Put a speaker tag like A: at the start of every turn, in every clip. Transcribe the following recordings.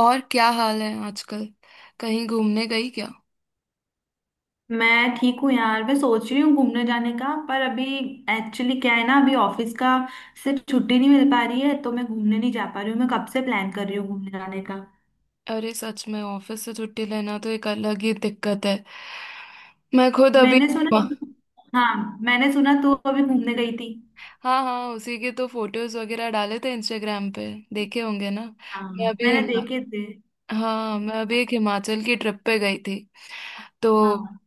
A: और क्या हाल है आजकल? कहीं घूमने गई क्या?
B: मैं ठीक हूँ यार। मैं सोच रही हूँ घूमने जाने का, पर अभी एक्चुअली क्या है ना, अभी ऑफिस का से छुट्टी नहीं मिल पा रही है, तो मैं घूमने नहीं जा पा रही हूँ। मैं कब से प्लान कर रही हूँ घूमने जाने का।
A: अरे सच में ऑफिस से छुट्टी लेना तो एक अलग ही दिक्कत है। मैं खुद अभी।
B: मैंने सुना, हाँ मैंने सुना तू अभी घूमने गई थी।
A: हाँ हाँ, उसी के तो फोटोज वगैरह डाले थे इंस्टाग्राम पे। देखे होंगे ना? मैं
B: हाँ
A: अभी
B: मैंने
A: हिमा-
B: देखे थे।
A: हाँ, मैं अभी एक हिमाचल की ट्रिप पे गई थी तो।
B: हाँ,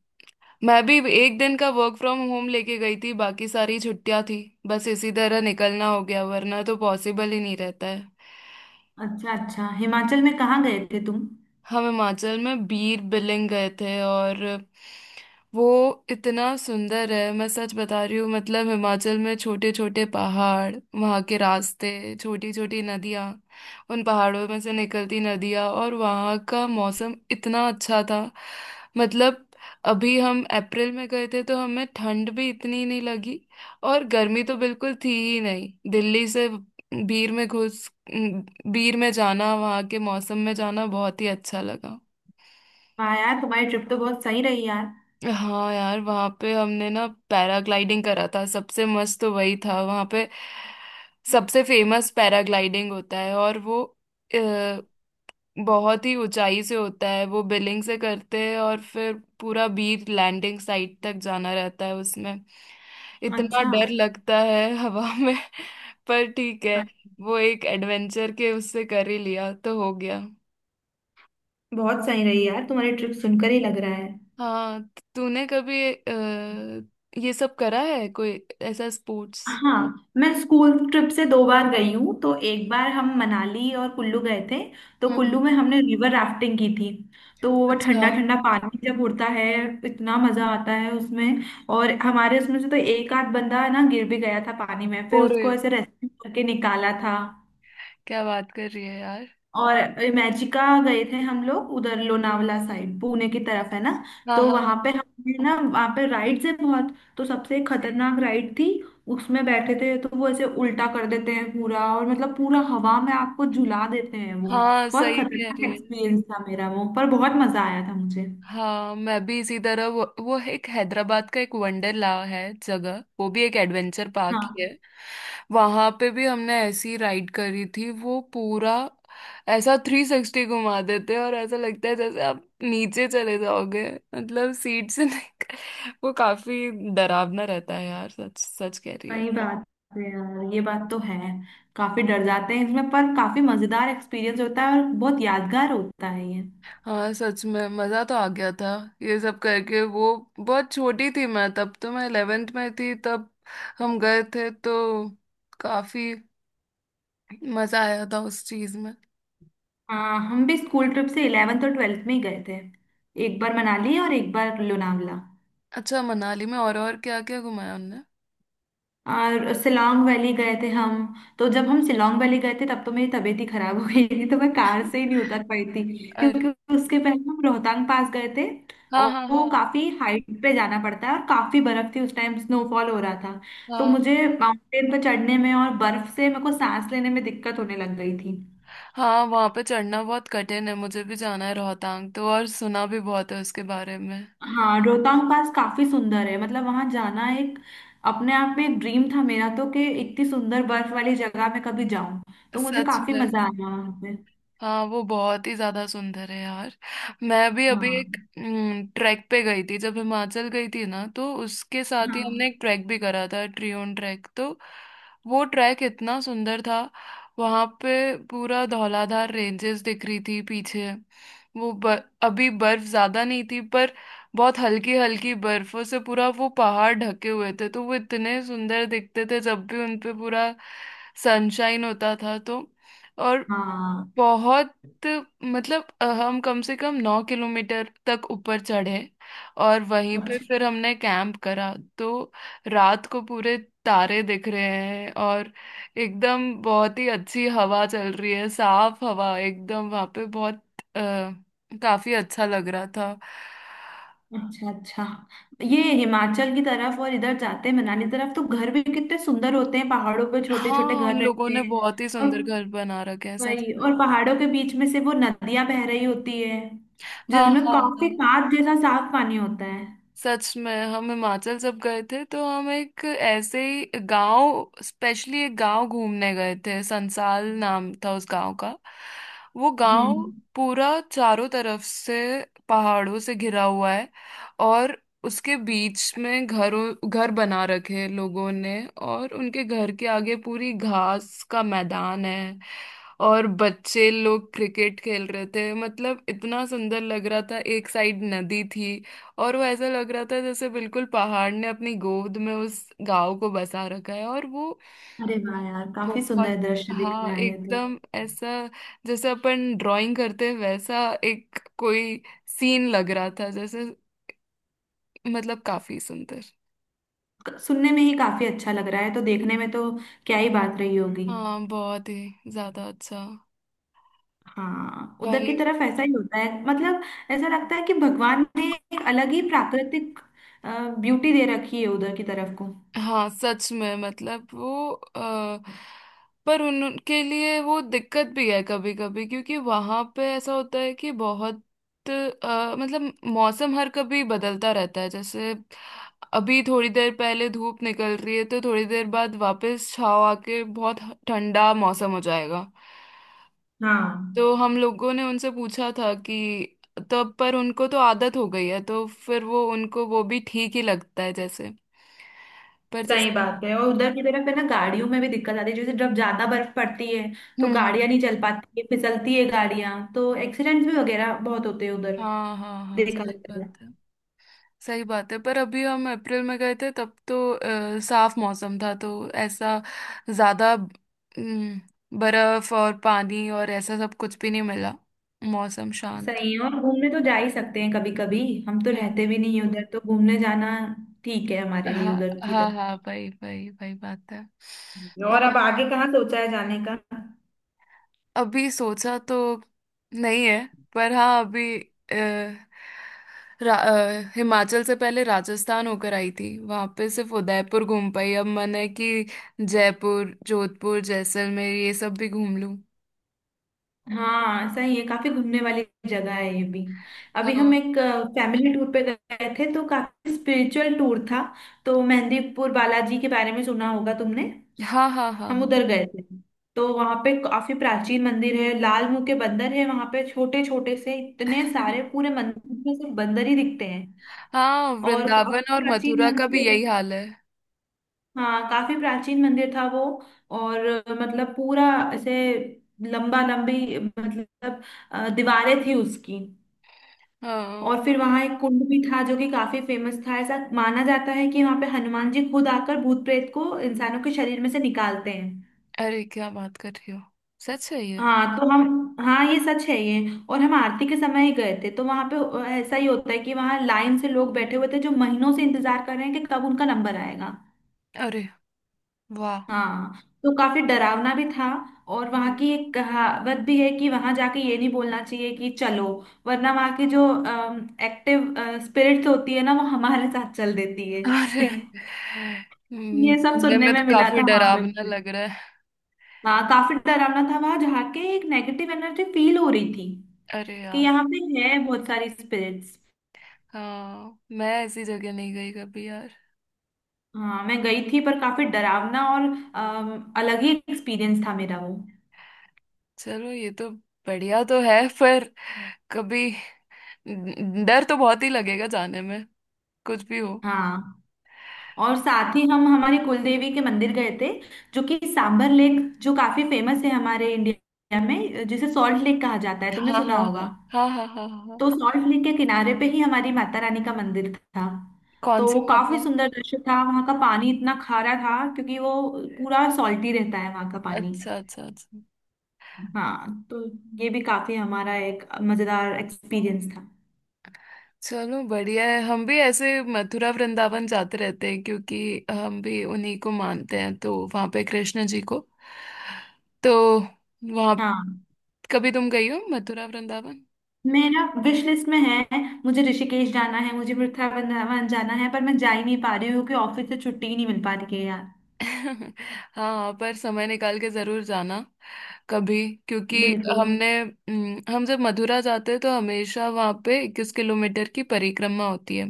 A: मैं भी एक दिन का वर्क फ्रॉम होम लेके गई थी, बाकी सारी छुट्टियां थी। बस इसी तरह निकलना हो गया, वरना तो पॉसिबल ही नहीं रहता है।
B: अच्छा अच्छा, हिमाचल में कहाँ गए थे तुम?
A: हम हिमाचल में बीर बिलिंग गए थे और वो इतना सुंदर है। मैं सच बता रही हूँ, मतलब हिमाचल में छोटे छोटे पहाड़, वहाँ के रास्ते, छोटी छोटी नदियाँ, उन पहाड़ों में से निकलती नदियाँ, और वहाँ का मौसम इतना अच्छा था। मतलब अभी हम अप्रैल में गए थे तो हमें ठंड भी इतनी नहीं लगी, और गर्मी तो बिल्कुल थी ही नहीं। दिल्ली से बीर में घुस बीर में जाना, वहाँ के मौसम में जाना बहुत ही अच्छा लगा।
B: वाह यार, तुम्हारी ट्रिप तो बहुत सही रही यार।
A: हाँ यार, वहाँ पे हमने ना पैराग्लाइडिंग करा था, सबसे मस्त तो वही था। वहाँ पे सबसे फेमस पैराग्लाइडिंग होता है, और वो अ, बहुत ही ऊंचाई से होता है। वो बिलिंग से करते हैं और फिर पूरा बीच लैंडिंग साइट तक जाना रहता है उसमें। इतना
B: अच्छा,
A: डर लगता है हवा में पर ठीक है। वो एक एडवेंचर के उससे कर ही लिया तो हो गया।
B: बहुत सही रही यार तुम्हारी ट्रिप, सुनकर ही लग रहा है।
A: हाँ, तूने कभी ये सब करा है, कोई ऐसा स्पोर्ट्स?
B: हाँ मैं स्कूल ट्रिप से दो बार गई हूँ, तो एक बार हम मनाली और कुल्लू गए थे। तो कुल्लू
A: हम्म।
B: में हमने रिवर राफ्टिंग की थी। तो वो
A: अच्छा।
B: ठंडा ठंडा पानी जब उड़ता है, इतना मजा आता है उसमें। और हमारे उसमें से तो एक आध बंदा ना गिर भी गया था पानी में, फिर
A: और
B: उसको ऐसे रेस्क्यू करके निकाला था।
A: क्या बात कर रही है यार।
B: और इमेजिका गए थे हम लोग, उधर लोनावला साइड पुणे की तरफ है ना।
A: हाँ
B: तो
A: हाँ
B: वहां
A: हाँ
B: पे हमने ना, वहां पे राइड्स है बहुत, तो सबसे खतरनाक राइड थी, उसमें बैठे थे तो वो ऐसे उल्टा कर देते हैं पूरा, और मतलब पूरा हवा में आपको झुला देते हैं वो।
A: हाँ,
B: बहुत
A: सही कह
B: खतरनाक
A: रही है।
B: एक्सपीरियंस था मेरा वो, पर बहुत मजा आया था मुझे।
A: हाँ, मैं भी इसी तरह वो एक हैदराबाद का एक वंडरला है जगह, वो भी एक एडवेंचर पार्क ही है।
B: हाँ
A: वहां पे भी हमने ऐसी राइड करी थी। वो पूरा ऐसा 360 घुमा देते हैं और ऐसा लगता है जैसे आप नीचे चले जाओगे, मतलब सीट से नहीं। वो काफी डरावना रहता है यार, सच सच कह रही है।
B: सही बात है यार, ये बात तो है। काफी डर जाते हैं इसमें, पर काफी मजेदार एक्सपीरियंस होता है और बहुत यादगार होता है ये।
A: हाँ सच में, मजा तो आ गया था ये सब करके। वो बहुत छोटी थी मैं तब, तो मैं 11th में थी तब हम गए थे, तो काफी मजा आया था उस चीज में।
B: हाँ हम भी स्कूल ट्रिप से इलेवेंथ और ट्वेल्थ में ही गए थे। एक बार मनाली और एक बार लोनावला।
A: अच्छा, मनाली में और क्या क्या घुमाया उनने?
B: और सिलोंग वैली गए थे हम। तो जब हम सिलोंग वैली गए थे तब तो मेरी तबीयत ही खराब हो गई थी, तो मैं कार से ही नहीं उतर पाई थी, क्योंकि
A: अरे।
B: उसके पहले हम रोहतांग पास गए थे।
A: हाँ
B: और
A: हाँ
B: वो
A: हाँ
B: काफी हाइट पे जाना पड़ता है, और काफी बर्फ थी उस टाइम, स्नोफॉल हो रहा था। तो
A: हाँ
B: मुझे माउंटेन पर चढ़ने में और बर्फ से मेरे को सांस लेने में दिक्कत होने लग गई थी।
A: हाँ। वहाँ पे चढ़ना बहुत कठिन है, मुझे भी जाना है रोहतांग तो, और सुना भी बहुत है उसके बारे में।
B: हाँ रोहतांग पास काफी सुंदर है, मतलब वहां जाना एक, अपने आप में एक ड्रीम था मेरा, तो कि इतनी सुंदर बर्फ वाली जगह में कभी जाऊं। तो मुझे
A: सच
B: काफी
A: में।
B: मजा आया वहां पे।
A: हाँ, वो बहुत ही ज्यादा सुंदर है यार। मैं भी अभी
B: हाँ
A: एक ट्रैक पे गई थी, जब हिमाचल गई थी ना तो उसके साथ ही हमने
B: हाँ
A: एक ट्रैक भी करा था, ट्रियोन ट्रैक तो। वो ट्रैक इतना सुंदर था। वहां पे पूरा धौलाधार रेंजेस दिख रही थी पीछे। वो अभी बर्फ ज्यादा नहीं थी, पर बहुत हल्की हल्की बर्फों से पूरा वो पहाड़ ढके हुए थे, तो वो इतने सुंदर दिखते थे जब भी उनपे पूरा सनशाइन होता था तो। और
B: हाँ।
A: बहुत, मतलब हम कम से कम 9 किलोमीटर तक ऊपर चढ़े, और वहीं पे
B: अच्छा
A: फिर हमने कैंप करा तो। रात को पूरे तारे दिख रहे हैं और एकदम बहुत ही अच्छी हवा चल रही है, साफ हवा एकदम वहाँ पे, बहुत आ, काफी अच्छा लग रहा था।
B: अच्छा अच्छा। ये हिमाचल की तरफ और इधर जाते हैं मनाली तरफ, तो घर भी कितने सुंदर होते हैं, पहाड़ों पे छोटे छोटे
A: हाँ,
B: घर
A: उन लोगों
B: रहते
A: ने
B: हैं।
A: बहुत ही
B: और
A: सुंदर घर बना रखे हैं, सच
B: वही,
A: में।
B: और पहाड़ों के बीच में से वो नदियां बह रही होती है,
A: हाँ
B: जिनमें
A: हाँ
B: काफी
A: हाँ।
B: साफ, जैसा साफ पानी होता है।
A: सच में, हम हिमाचल जब गए थे तो हम एक ऐसे ही गांव, स्पेशली एक गांव घूमने गए थे, संसाल नाम था उस गांव का। वो गांव
B: हम्म।
A: पूरा चारों तरफ से पहाड़ों से घिरा हुआ है, और उसके बीच में घरों घर बना रखे हैं लोगों ने, और उनके घर के आगे पूरी घास का मैदान है, और बच्चे लोग क्रिकेट खेल रहे थे। मतलब इतना सुंदर लग रहा था, एक साइड नदी थी, और वो ऐसा लग रहा था जैसे बिल्कुल पहाड़ ने अपनी गोद में उस गांव को बसा रखा है, और वो
B: अरे वाह यार, काफी सुंदर
A: बहुत।
B: दृश्य दिख
A: हाँ
B: रहा है ये तो।
A: एकदम ऐसा, जैसे अपन ड्राइंग करते हैं वैसा एक कोई सीन लग रहा था, जैसे मतलब काफी सुंदर।
B: क- सुनने में ही काफी अच्छा लग रहा है, तो देखने में तो क्या ही बात रही होगी।
A: हाँ बहुत ही ज्यादा अच्छा।
B: हाँ उधर की
A: वही।
B: तरफ ऐसा ही होता है, मतलब ऐसा लगता है कि भगवान ने एक अलग ही प्राकृतिक ब्यूटी दे रखी है उधर की तरफ को।
A: हाँ सच में, मतलब वो आ, पर उनके लिए वो दिक्कत भी है कभी कभी, क्योंकि वहां पे ऐसा होता है कि बहुत मतलब मौसम हर कभी बदलता रहता है। जैसे अभी थोड़ी देर पहले धूप निकल रही है तो थोड़ी देर बाद वापस छाव आके बहुत ठंडा मौसम हो जाएगा।
B: हाँ
A: तो हम लोगों ने उनसे पूछा था कि तब, पर उनको तो आदत हो गई है, तो फिर वो, उनको वो भी ठीक ही लगता है, जैसे, पर जैसे।
B: सही बात है, और उधर की तरफ है ना, गाड़ियों में भी दिक्कत आती है, जैसे जब ज्यादा बर्फ पड़ती है तो गाड़ियां
A: हम्म।
B: नहीं चल पाती है, फिसलती है गाड़ियां, तो एक्सीडेंट्स भी वगैरह बहुत होते हैं उधर
A: हाँ हाँ हाँ,
B: देखा
A: सही
B: जाए
A: बात
B: तो।
A: है। सही बात है, पर अभी हम अप्रैल में गए थे तब तो साफ मौसम था, तो ऐसा ज्यादा बर्फ और पानी और ऐसा सब कुछ भी नहीं मिला, मौसम शांत था।
B: सही है, और घूमने तो जा ही सकते हैं कभी कभी। हम तो
A: हम्म।
B: रहते भी नहीं हैं उधर, तो घूमने जाना ठीक है हमारे लिए
A: हाँ
B: उधर की
A: हाँ
B: तरफ।
A: हाँ, भाई भाई भाई बात है।
B: और अब आगे कहाँ सोचा है जाने का?
A: अभी सोचा तो नहीं है, पर हाँ अभी अ, हिमाचल से पहले राजस्थान होकर आई थी, वहां पे सिर्फ उदयपुर घूम पाई। अब मन है कि जयपुर, जोधपुर, जैसलमेर, ये सब भी घूम लूं।
B: हाँ सही है, काफी घूमने वाली जगह है ये भी। अभी हम
A: हाँ
B: एक फैमिली टूर पे गए थे, तो काफी स्पिरिचुअल टूर था। तो मेहंदीपुर बालाजी के बारे में सुना होगा तुमने।
A: हाँ हाँ हाँ
B: हम
A: हाँ।
B: उधर गए थे। तो वहां पे काफी प्राचीन मंदिर है, लाल मुंह के बंदर है वहां पे छोटे छोटे से, इतने सारे पूरे मंदिर में सिर्फ बंदर ही दिखते हैं।
A: हाँ,
B: और
A: वृंदावन
B: काफी
A: और
B: प्राचीन
A: मथुरा का भी
B: मंदिर।
A: यही हाल है।
B: हाँ काफी प्राचीन मंदिर था वो। और मतलब पूरा, ऐसे लंबा लंबी, मतलब दीवारें थी उसकी।
A: हाँ।
B: और फिर वहां एक कुंड भी था, जो कि काफी फेमस था। ऐसा माना जाता है कि वहां पे हनुमान जी खुद आकर भूत प्रेत को इंसानों के शरीर में से निकालते हैं।
A: अरे, क्या बात कर रही हो, सच है ये?
B: हाँ तो हम, हाँ ये सच है ये। और हम आरती के समय ही गए थे, तो वहां पे ऐसा ही होता है कि वहां लाइन से लोग बैठे हुए थे जो महीनों से इंतजार कर रहे हैं कि कब उनका नंबर आएगा।
A: अरे वाह।
B: हाँ, तो काफी डरावना भी था। और वहां की एक कहावत भी है कि वहां जाके ये नहीं बोलना चाहिए कि चलो, वरना वहां की जो एक्टिव स्पिरिट्स होती है ना, वो हमारे साथ चल देती है
A: अरे,
B: ये सब
A: सुनने
B: सुनने
A: में
B: में
A: तो
B: मिला
A: काफी
B: था वहां पे
A: डरावना
B: मुझे।
A: लग रहा है।
B: हाँ काफी डरावना था, वहां जाके एक नेगेटिव एनर्जी फील हो रही थी
A: अरे
B: कि
A: यार।
B: यहाँ पे है बहुत सारी स्पिरिट्स।
A: हाँ, मैं ऐसी जगह नहीं गई कभी यार।
B: हाँ मैं गई थी, पर काफी डरावना और अलग ही एक्सपीरियंस था मेरा वो।
A: चलो, ये तो बढ़िया तो है, पर कभी डर तो बहुत ही लगेगा जाने में, कुछ भी हो।
B: हाँ। और साथ ही हम हमारी कुलदेवी के मंदिर गए थे, जो कि सांबर लेक, जो काफी फेमस है हमारे इंडिया में, जिसे सॉल्ट लेक कहा जाता है, तुमने
A: हाँ
B: सुना
A: हाँ
B: होगा।
A: हाँ हाँ हाँ हाँ हाँ हाँ।
B: तो सॉल्ट लेक के किनारे पे ही हमारी माता रानी का मंदिर था।
A: कौन
B: तो
A: सी
B: वो काफी
A: माता है?
B: सुंदर दृश्य था, वहां का पानी इतना खारा था, क्योंकि वो पूरा सॉल्टी रहता है वहां का पानी।
A: अच्छा अच्छा अच्छा।
B: हाँ, तो ये भी काफी हमारा एक मजेदार एक्सपीरियंस था।
A: चलो बढ़िया है, हम भी ऐसे मथुरा वृंदावन जाते रहते हैं क्योंकि हम भी उन्हीं को मानते हैं, तो वहाँ पे कृष्ण जी को। तो वहाँ
B: हाँ
A: कभी तुम गई हो मथुरा वृंदावन?
B: मेरा विश लिस्ट में है। मुझे ऋषिकेश जाना है, मुझे वृंदावन जाना है, पर मैं जा ही नहीं पा रही हूँ क्योंकि ऑफिस से छुट्टी ही नहीं मिल पा रही है यार।
A: हाँ, पर समय निकाल के जरूर जाना कभी, क्योंकि
B: बिल्कुल।
A: हमने हम जब मथुरा जाते हैं तो हमेशा वहाँ पे 21 किलोमीटर की परिक्रमा होती है।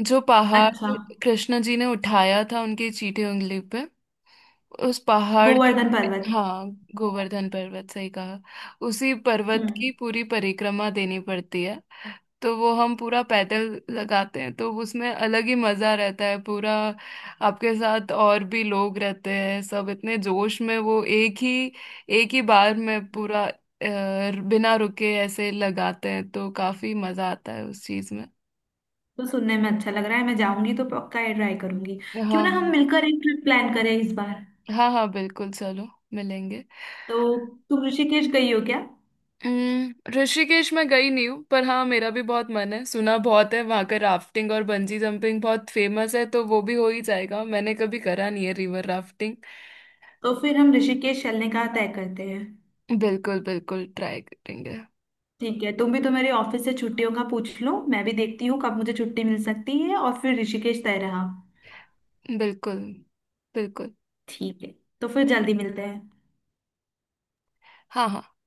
A: जो पहाड़
B: अच्छा।
A: कृष्ण जी ने उठाया था उनकी चीठी उंगली पे, उस पहाड़ की।
B: गोवर्धन पर्वत।
A: हाँ, गोवर्धन पर्वत, सही कहा। उसी पर्वत की
B: हम्म।
A: पूरी परिक्रमा देनी पड़ती है, तो वो हम पूरा पैदल लगाते हैं, तो उसमें अलग ही मजा रहता है। पूरा आपके साथ और भी लोग रहते हैं, सब इतने जोश में, वो एक ही बार में पूरा बिना रुके ऐसे लगाते हैं, तो काफी मजा आता है उस चीज में।
B: तो सुनने में अच्छा लग रहा है, मैं जाऊंगी तो पक्का ये ट्राई करूंगी। क्यों
A: हाँ
B: ना हम मिलकर एक ट्रिप प्लान करें इस बार।
A: हाँ हाँ, बिल्कुल, चलो मिलेंगे।
B: तो, तुम ऋषिकेश गई हो क्या?
A: ऋषिकेश में गई नहीं हूँ, पर हाँ मेरा भी बहुत मन है। सुना बहुत है, वहाँ का राफ्टिंग और बंजी जंपिंग बहुत फेमस है, तो वो भी हो ही जाएगा, मैंने कभी करा नहीं है रिवर राफ्टिंग।
B: तो फिर हम ऋषिकेश चलने का तय करते हैं।
A: बिल्कुल बिल्कुल ट्राई करेंगे।
B: ठीक है, तुम भी तो मेरे, ऑफिस से छुट्टियों का पूछ लो, मैं भी देखती हूँ कब मुझे छुट्टी मिल सकती है, और फिर ऋषिकेश तय रहा।
A: बिल्कुल बिल्कुल।
B: ठीक है। तो फिर जल्दी मिलते हैं।
A: हाँ हाँ